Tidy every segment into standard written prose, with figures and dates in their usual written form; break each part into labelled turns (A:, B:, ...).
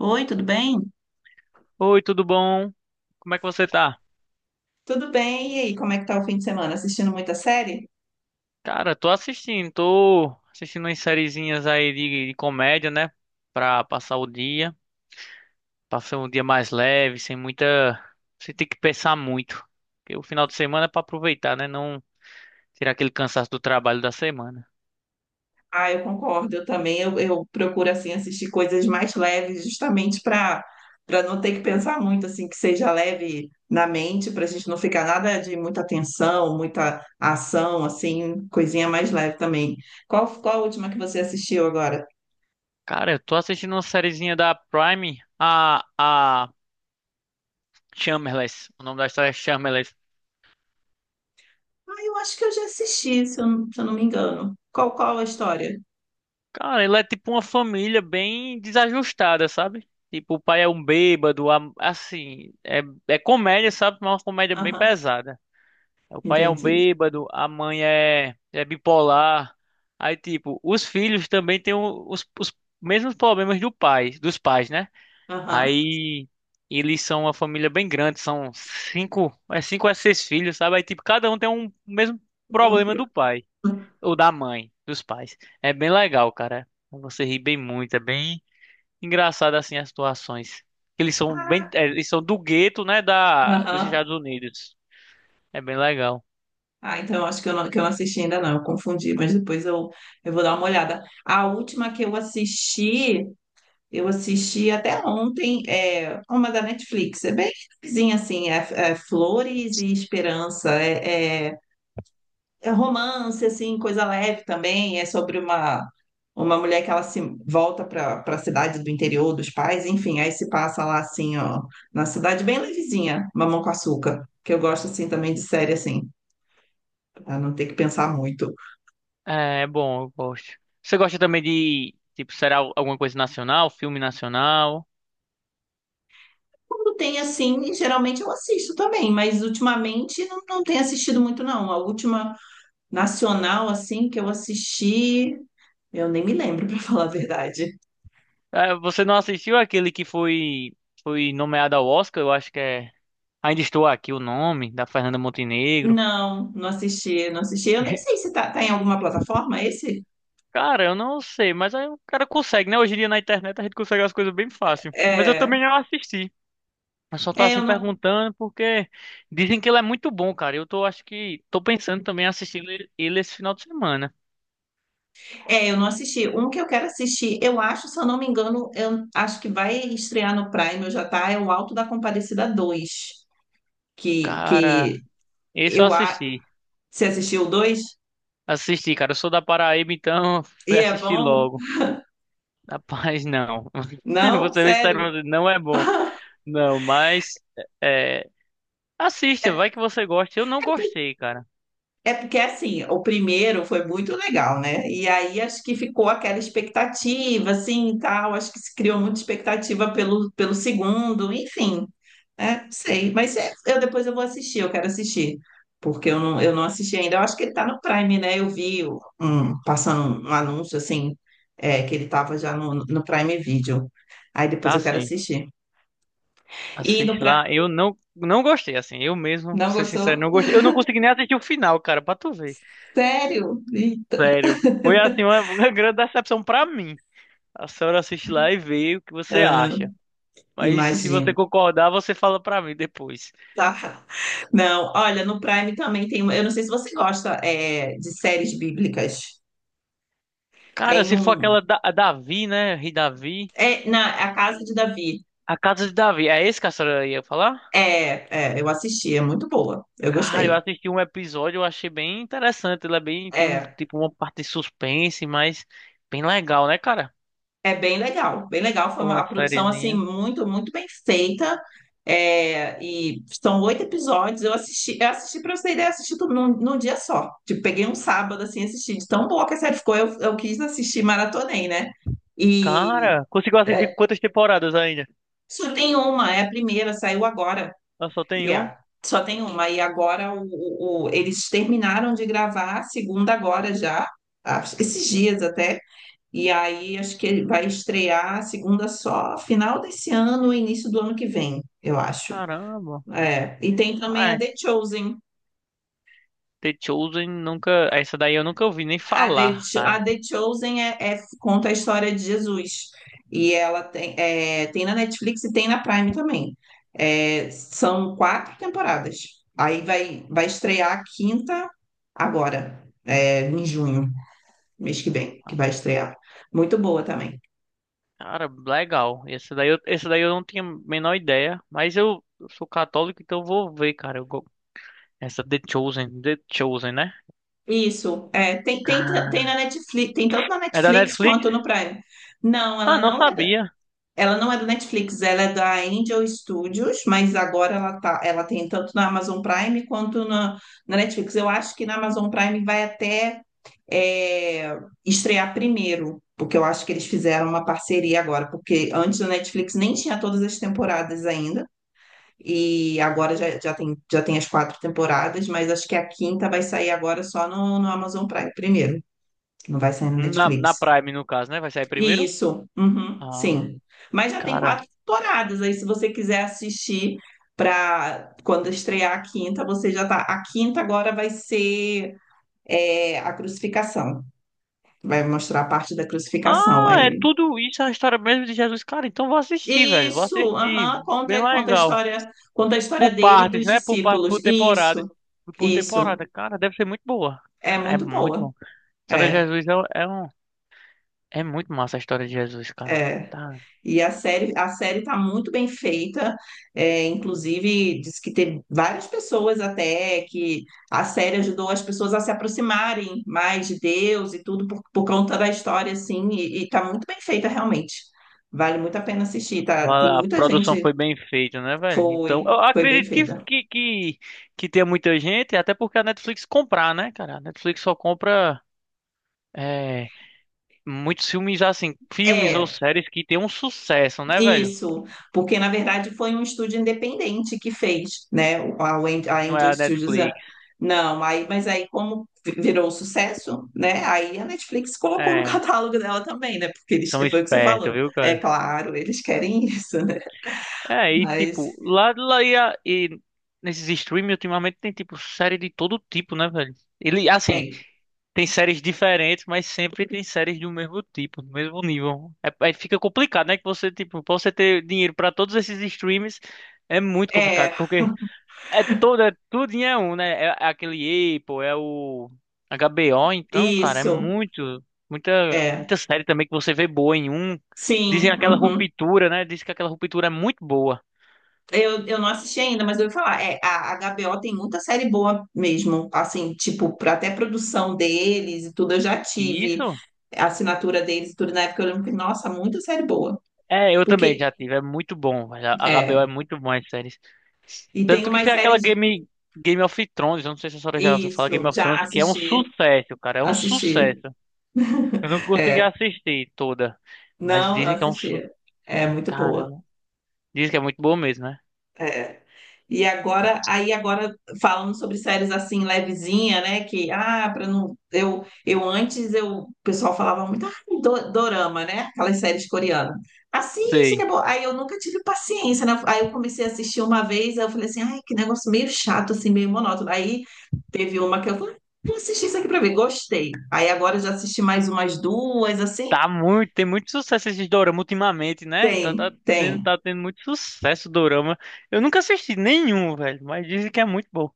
A: Oi, tudo bem?
B: Oi, tudo bom? Como é que você tá?
A: Tudo bem? E aí, como é que tá o fim de semana? Assistindo muita série?
B: Cara, tô assistindo umas sériezinhas aí de comédia, né? Pra passar o dia, passar um dia mais leve, sem muita. Sem ter que pensar muito. Porque o final de semana é pra aproveitar, né? Não tirar aquele cansaço do trabalho da semana.
A: Ah, eu concordo, eu também. Eu procuro assim assistir coisas mais leves, justamente para não ter que pensar muito assim, que seja leve na mente, para a gente não ficar nada de muita tensão, muita ação, assim, coisinha mais leve também. Qual a última que você assistiu agora?
B: Cara, eu tô assistindo uma sériezinha da Prime, a Shameless. O nome da história é Shameless.
A: Ah, eu acho que eu já assisti, se eu, não- se eu não me engano. Qual a história?
B: Cara, ele é tipo uma família bem desajustada, sabe? Tipo, o pai é um bêbado, assim, é, é comédia, sabe? Mas é uma comédia bem
A: Aham,
B: pesada. O pai é um
A: entendi.
B: bêbado, a mãe é, é bipolar. Aí, tipo, os filhos também têm os mesmos problemas do pai, dos pais, né?
A: Aham.
B: Aí, eles são uma família bem grande, são cinco, é cinco a seis filhos, sabe? Aí, tipo, cada um tem um mesmo
A: Uhum.
B: problema do pai. Ou da mãe, dos pais. É bem legal, cara. Você ri bem muito, é bem engraçado assim as situações. Eles são bem, é, eles são do gueto, né, da dos
A: Aham.
B: Estados Unidos. É bem legal.
A: Ah, então eu acho que eu não assisti ainda não, eu confundi, mas eu vou dar uma olhada. A última que eu assisti até ontem, é uma da Netflix, é bem vizinha assim, é Flores e Esperança, é romance, assim, coisa leve também, uma mulher que ela se volta para a cidade do interior dos pais, enfim, aí se passa lá assim, ó, na cidade bem levezinha, Mamão com Açúcar, que eu gosto assim também de série assim, pra não ter que pensar muito.
B: É, é bom, eu gosto. Você gosta também de, tipo, será alguma coisa nacional, filme nacional?
A: Quando tem assim, geralmente eu assisto também, mas ultimamente não tenho assistido muito, não. A última nacional, assim, que eu assisti, eu nem me lembro, para falar a verdade.
B: É, você não assistiu aquele que foi nomeado ao Oscar, eu acho que é Ainda Estou Aqui o nome, da Fernanda Montenegro.
A: Não, não assisti, não assisti. Eu nem sei se tá em alguma plataforma esse.
B: Cara, eu não sei, mas aí o cara consegue, né? Hoje em dia na internet a gente consegue as coisas bem fácil. Mas eu
A: É,
B: também não assisti. Eu só tô
A: é,
B: assim
A: eu não,
B: perguntando porque dizem que ele é muito bom, cara. Eu tô, acho que tô pensando também em assistir ele esse final de semana.
A: eu não assisti. Um que eu quero assistir, eu acho, se eu não me engano, eu acho que vai estrear no Prime, já tá, é o Alto da Compadecida 2 que,
B: Cara,
A: que
B: esse eu
A: eu... a-
B: assisti.
A: Você assistiu o 2?
B: Assisti, cara. Eu sou da Paraíba, então fui
A: E é
B: assistir
A: bom?
B: logo. Rapaz, não.
A: Não,
B: Você vê se
A: sério.
B: não é bom. Não, mas é, é, assista, vai que você gosta. Eu não gostei, cara.
A: É porque assim, o primeiro foi muito legal, né? E aí acho que ficou aquela expectativa, assim, e tal. Acho que se criou muita expectativa pelo, pelo segundo, enfim. É, não sei. Mas é, eu depois eu vou assistir, eu quero assistir. Porque eu não assisti ainda. Eu acho que ele tá no Prime, né? Eu vi o- um, passando um anúncio, assim, é, que ele tava já no, no Prime Video. Aí depois
B: Tá
A: eu quero
B: assim.
A: assistir. E no
B: Assiste
A: pra...
B: lá. Eu não, não gostei, assim. Eu mesmo,
A: Não
B: pra ser sincero,
A: gostou?
B: não gostei. Eu não consegui nem assistir o final, cara, pra tu ver.
A: Sério? Ih,
B: Sério. Foi, assim, uma, uma grande decepção pra mim. A senhora assiste lá e vê o que você
A: ah,
B: acha. Mas se você
A: imagino.
B: concordar, você fala pra mim depois.
A: Tá. Não, olha, no Prime também tem uma. Eu não sei se você gosta é, de séries bíblicas.
B: Cara,
A: Tem
B: se for
A: um.
B: aquela da, a Davi, né? Rei Davi.
A: É, na, a Casa de Davi.
B: A Casa de Davi. É esse que a senhora ia falar?
A: Eu assisti, é muito boa. Eu
B: Cara, eu
A: gostei.
B: assisti um episódio, eu achei bem interessante. Ele é bem, tem um,
A: É,
B: tipo, uma parte de suspense, mas bem legal, né, cara?
A: é bem legal, bem legal. Foi uma
B: Uma
A: a produção assim
B: sériezinha.
A: muito, muito bem feita. É, e são oito episódios. Eu assisti para você ter ideia, assisti tudo num, num dia só. Tipo, peguei um sábado assim, e assisti. De tão boa que a série ficou, eu quis assistir, maratonei, né? E
B: Cara, conseguiu assistir
A: é,
B: quantas temporadas ainda?
A: só tem uma, é a primeira, saiu agora.
B: Ah, só tem
A: E
B: uma?
A: é, só tem uma. E agora eles terminaram de gravar a segunda agora já, acho- esses dias até. E aí acho que ele vai estrear a segunda só final desse ano, início do ano que vem, eu acho.
B: Caramba.
A: É, e tem também
B: Ah,
A: a
B: é,
A: The Chosen.
B: The Chosen nunca. Essa daí eu nunca ouvi nem
A: A The,
B: falar,
A: Cho-
B: cara.
A: a The Chosen conta a história de Jesus. E ela tem, é, tem na Netflix e tem na Prime também. É, são quatro temporadas. Aí vai estrear a quinta agora, é, em junho, mês que vem, que
B: Ah,
A: vai estrear. Muito boa também.
B: cara, legal. Essa daí eu não tinha a menor ideia. Mas eu sou católico, então eu vou ver, cara. Essa The Chosen, The Chosen, né?
A: Isso, é, tem na
B: Cara.
A: Netflix, tem tanto na
B: É da
A: Netflix
B: Netflix?
A: quanto no Prime. Não,
B: Ah,
A: ela
B: não
A: não é.
B: sabia.
A: Ela não é da Netflix, ela é da Angel Studios, mas agora ela tá, ela tem tanto na Amazon Prime quanto na, na Netflix. Eu acho que na Amazon Prime vai até é, estrear primeiro, porque eu acho que eles fizeram uma parceria agora, porque antes da Netflix nem tinha todas as temporadas ainda, e agora já tem, já tem as quatro temporadas, mas acho que a quinta vai sair agora só no, no Amazon Prime primeiro, não vai sair na
B: Na, na
A: Netflix.
B: Prime, no caso, né? Vai sair primeiro?
A: Isso, uhum,
B: Ah,
A: sim. Mas já tem
B: cara.
A: quatro temporadas, aí se você quiser assistir para quando estrear a quinta, você já tá. A quinta agora vai ser é, a crucificação. Vai mostrar a parte da crucificação
B: Ah, é
A: aí.
B: tudo isso, é a história mesmo de Jesus. Cara, então vou assistir, velho. Vou
A: Isso,
B: assistir.
A: aham,
B: Bem
A: conta a
B: legal.
A: história, conta a história
B: Por
A: dele e
B: partes,
A: dos
B: né? Por parte,
A: discípulos.
B: por temporada.
A: Isso,
B: Por
A: isso.
B: temporada, cara, deve ser muito boa.
A: É
B: Ah, é
A: muito
B: muito
A: boa.
B: bom. A história de
A: É,
B: Jesus é, é um. É muito massa a história de Jesus, cara.
A: é.
B: Tá.
A: E a série tá muito bem feita, é, inclusive diz que teve várias pessoas até que a série ajudou as pessoas a se aproximarem mais de Deus e tudo por conta da história, assim, e tá muito bem feita realmente. Vale muito a pena assistir, tá? Tem
B: Vale. A
A: muita
B: produção
A: gente,
B: foi bem feita, né, velho? Então, eu
A: foi bem
B: acredito
A: feita.
B: que tenha muita gente, até porque a Netflix comprar, né, cara? A Netflix só compra é, muitos filmes, assim, filmes ou
A: É,
B: séries que tem um sucesso, né, velho?
A: isso, porque na verdade foi um estúdio independente que fez, né? A Wen- a
B: Não é
A: Angel
B: a
A: Studios. Ah,
B: Netflix.
A: não, aí, mas aí como vi- virou um sucesso, né? Aí a Netflix colocou no
B: É,
A: catálogo dela também, né? Porque eles,
B: são
A: foi o que você
B: espertos,
A: falou.
B: viu,
A: É
B: cara?
A: claro, eles querem isso, né?
B: É, e
A: Mas
B: tipo, lá, lá e, e nesses streams ultimamente tem tipo série de todo tipo, né, velho? Ele, assim,
A: tem.
B: tem séries diferentes, mas sempre tem séries do mesmo tipo, do mesmo nível. É, aí fica complicado, né? Que você, tipo, pra você ter dinheiro pra todos esses streams é muito
A: É,
B: complicado, porque é toda, é, tudinho é um, né? É, é aquele Apple, é o HBO, então, cara, é
A: isso,
B: muito, muita,
A: é.
B: muita série também que você vê boa em um. Dizem
A: Sim,
B: aquela
A: uhum.
B: ruptura, né? Diz que aquela ruptura é muito boa.
A: Eu não assisti ainda, mas eu ouvi falar. É, a HBO tem muita série boa mesmo, assim, tipo, pra- até produção deles e tudo, eu já
B: E
A: tive.
B: isso?
A: A assinatura deles, tudo na época, eu lembro que, nossa, muita série boa.
B: É, eu também
A: Porque,
B: já tive. É muito bom, velho. A HBO é
A: é,
B: muito bom as séries.
A: e tem
B: Tanto que
A: umas
B: foi aquela
A: séries,
B: Game, Game of Thrones. Eu não sei se a senhora já ouviu falar Game
A: isso,
B: of
A: já
B: Thrones, que é um
A: assisti,
B: sucesso, cara. É um
A: assisti.
B: sucesso. Eu não consegui assistir toda. Mas
A: Não, eu
B: dizem que é um. Su...
A: assisti. É muito boa.
B: Caramba. Dizem que é muito bom mesmo, né?
A: É. E agora, aí agora falando sobre séries assim levezinha, né? Que ah, para não eu antes eu o pessoal falava muito ah, do- dorama, né? Aquelas séries coreanas. Assiste que
B: Sei.
A: é bom. Aí eu nunca tive paciência, né? Aí eu comecei a assistir uma vez, aí eu falei assim, ai, que negócio meio chato assim, meio monótono. Aí teve uma que eu falei, "Ah, vou assistir isso aqui para ver, gostei. Aí agora eu já assisti mais umas duas assim.
B: Tá muito. Tem muito sucesso esses dorama ultimamente, né? Tá,
A: Tem, tem.
B: tá tendo muito sucesso o dorama. Eu nunca assisti nenhum, velho. Mas dizem que é muito bom.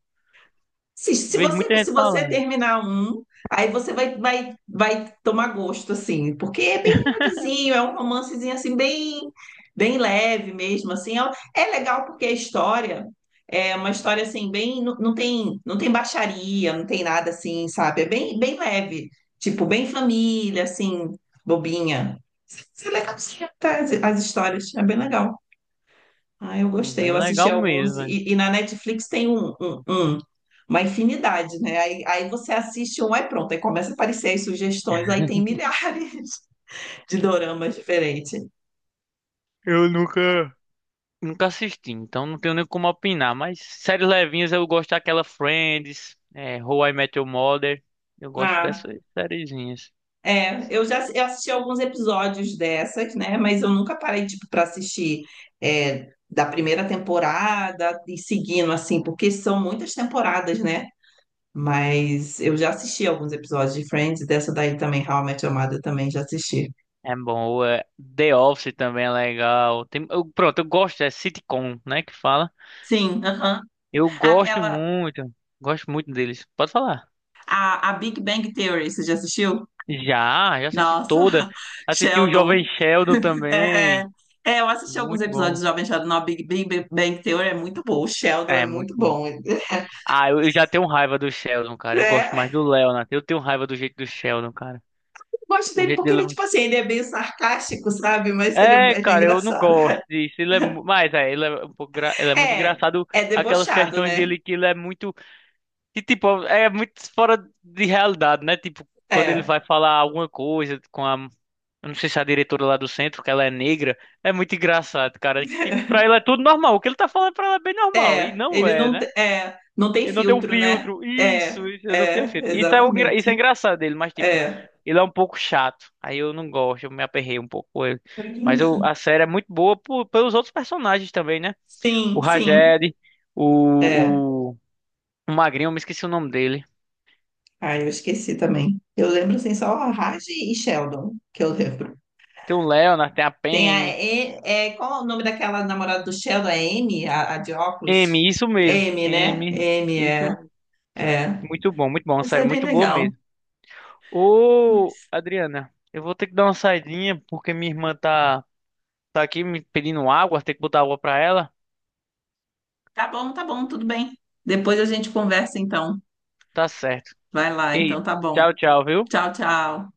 A: Se, se
B: Vejo muita
A: você, se
B: gente
A: você
B: falando.
A: terminar um, aí você vai tomar gosto, assim, porque é bem levezinho, é um romancezinho, assim, bem, bem leve mesmo, assim. É, um, é legal porque a história é uma história, assim, bem... Não, não tem baixaria, não tem nada, assim, sabe? É bem, bem leve, tipo, bem família, assim, bobinha. Isso é legal, sim, tá? As histórias, é bem legal. Ah, eu
B: Hum,
A: gostei.
B: bem
A: Eu assisti
B: legal mesmo,
A: alguns.
B: né?
A: E na Netflix tem uma infinidade, né? Aí você assiste um, aí pronto. Aí começa a aparecer as sugestões. Aí tem milhares de doramas diferentes.
B: Eu nunca, nunca assisti, então não tenho nem como opinar. Mas séries levinhas eu gosto daquela Friends, é, How I Met Your Mother. Eu gosto
A: Ah,
B: dessas sériezinhas.
A: é. Eu já eu assisti alguns episódios dessas, né? Mas eu nunca parei, tipo, para assistir é, da primeira temporada e seguindo, assim, porque são muitas temporadas, né? Mas eu já assisti alguns episódios de Friends, dessa daí também, How I Met Your Mother, também já assisti.
B: É bom, é, The Office também é legal. Tem, pronto, eu gosto, é sitcom, né, que fala.
A: Sim, aham.
B: Eu
A: Aquela,
B: gosto muito deles. Pode falar.
A: a Big Bang Theory, você já assistiu?
B: Já, já assisti
A: Nossa,
B: toda. Assisti o Jovem
A: Sheldon.
B: Sheldon
A: É, é,
B: também.
A: eu assisti alguns
B: Muito
A: episódios
B: bom.
A: de Jovem Sheldon. A Big Bang Theory é muito bom. O Sheldon é
B: É, muito
A: muito
B: bom.
A: bom.
B: Ah, eu já tenho raiva do Sheldon, cara. Eu gosto
A: É,
B: mais do Leonard. Eu tenho raiva do jeito do Sheldon, cara.
A: eu gosto
B: O
A: dele
B: jeito
A: porque
B: dele... é
A: ele, tipo assim, ele é meio sarcástico, sabe? Mas
B: é,
A: ele é
B: cara, eu não
A: engraçado.
B: gosto disso. Ele é... mas, é, ele é um pouco... ele é muito
A: É,
B: engraçado.
A: é
B: Aquelas
A: debochado,
B: questões
A: né?
B: dele que ele é muito... que, tipo, é muito fora de realidade, né? Tipo, quando ele
A: É,
B: vai falar alguma coisa com a... Eu não sei se é a diretora lá do centro, que ela é negra. É muito engraçado, cara. Que, tipo, pra ele é tudo normal. O que ele tá falando pra ela é bem normal. E
A: é.
B: não é, né?
A: Não tem
B: Ele não tem um
A: filtro, né?
B: filtro.
A: É,
B: Isso, ele não tem um
A: é,
B: filtro. Isso é, o, isso é
A: exatamente.
B: engraçado dele, mas tipo,
A: É.
B: ele é um pouco chato. Aí eu não gosto, eu me aperrei um pouco com ele. Mas a série é muito boa pelos outros personagens também, né? O
A: Sim, sim.
B: Rajed,
A: É.
B: o, o, o Magrinho, eu me esqueci o nome dele.
A: Ah, eu esqueci também. Eu lembro assim só a Raj e Sheldon, que eu lembro.
B: Tem o Leonard, tem a
A: Tem a
B: Penny.
A: E- é, qual é o nome daquela namorada do Sheldon? É M, a de óculos?
B: M, isso
A: É
B: mesmo.
A: M, né?
B: M,
A: M
B: isso
A: é,
B: mesmo.
A: é.
B: Muito bom, muito bom. Uma
A: Isso
B: série
A: é bem
B: muito boa
A: legal.
B: mesmo. Ô, Adriana, eu vou ter que dar uma saidinha porque minha irmã tá, tá aqui me pedindo água, tem que botar água pra ela.
A: Tá bom, tudo bem. Depois a gente conversa então.
B: Tá certo.
A: Vai lá,
B: Ei,
A: então tá bom.
B: tchau, tchau, viu?
A: Tchau, tchau.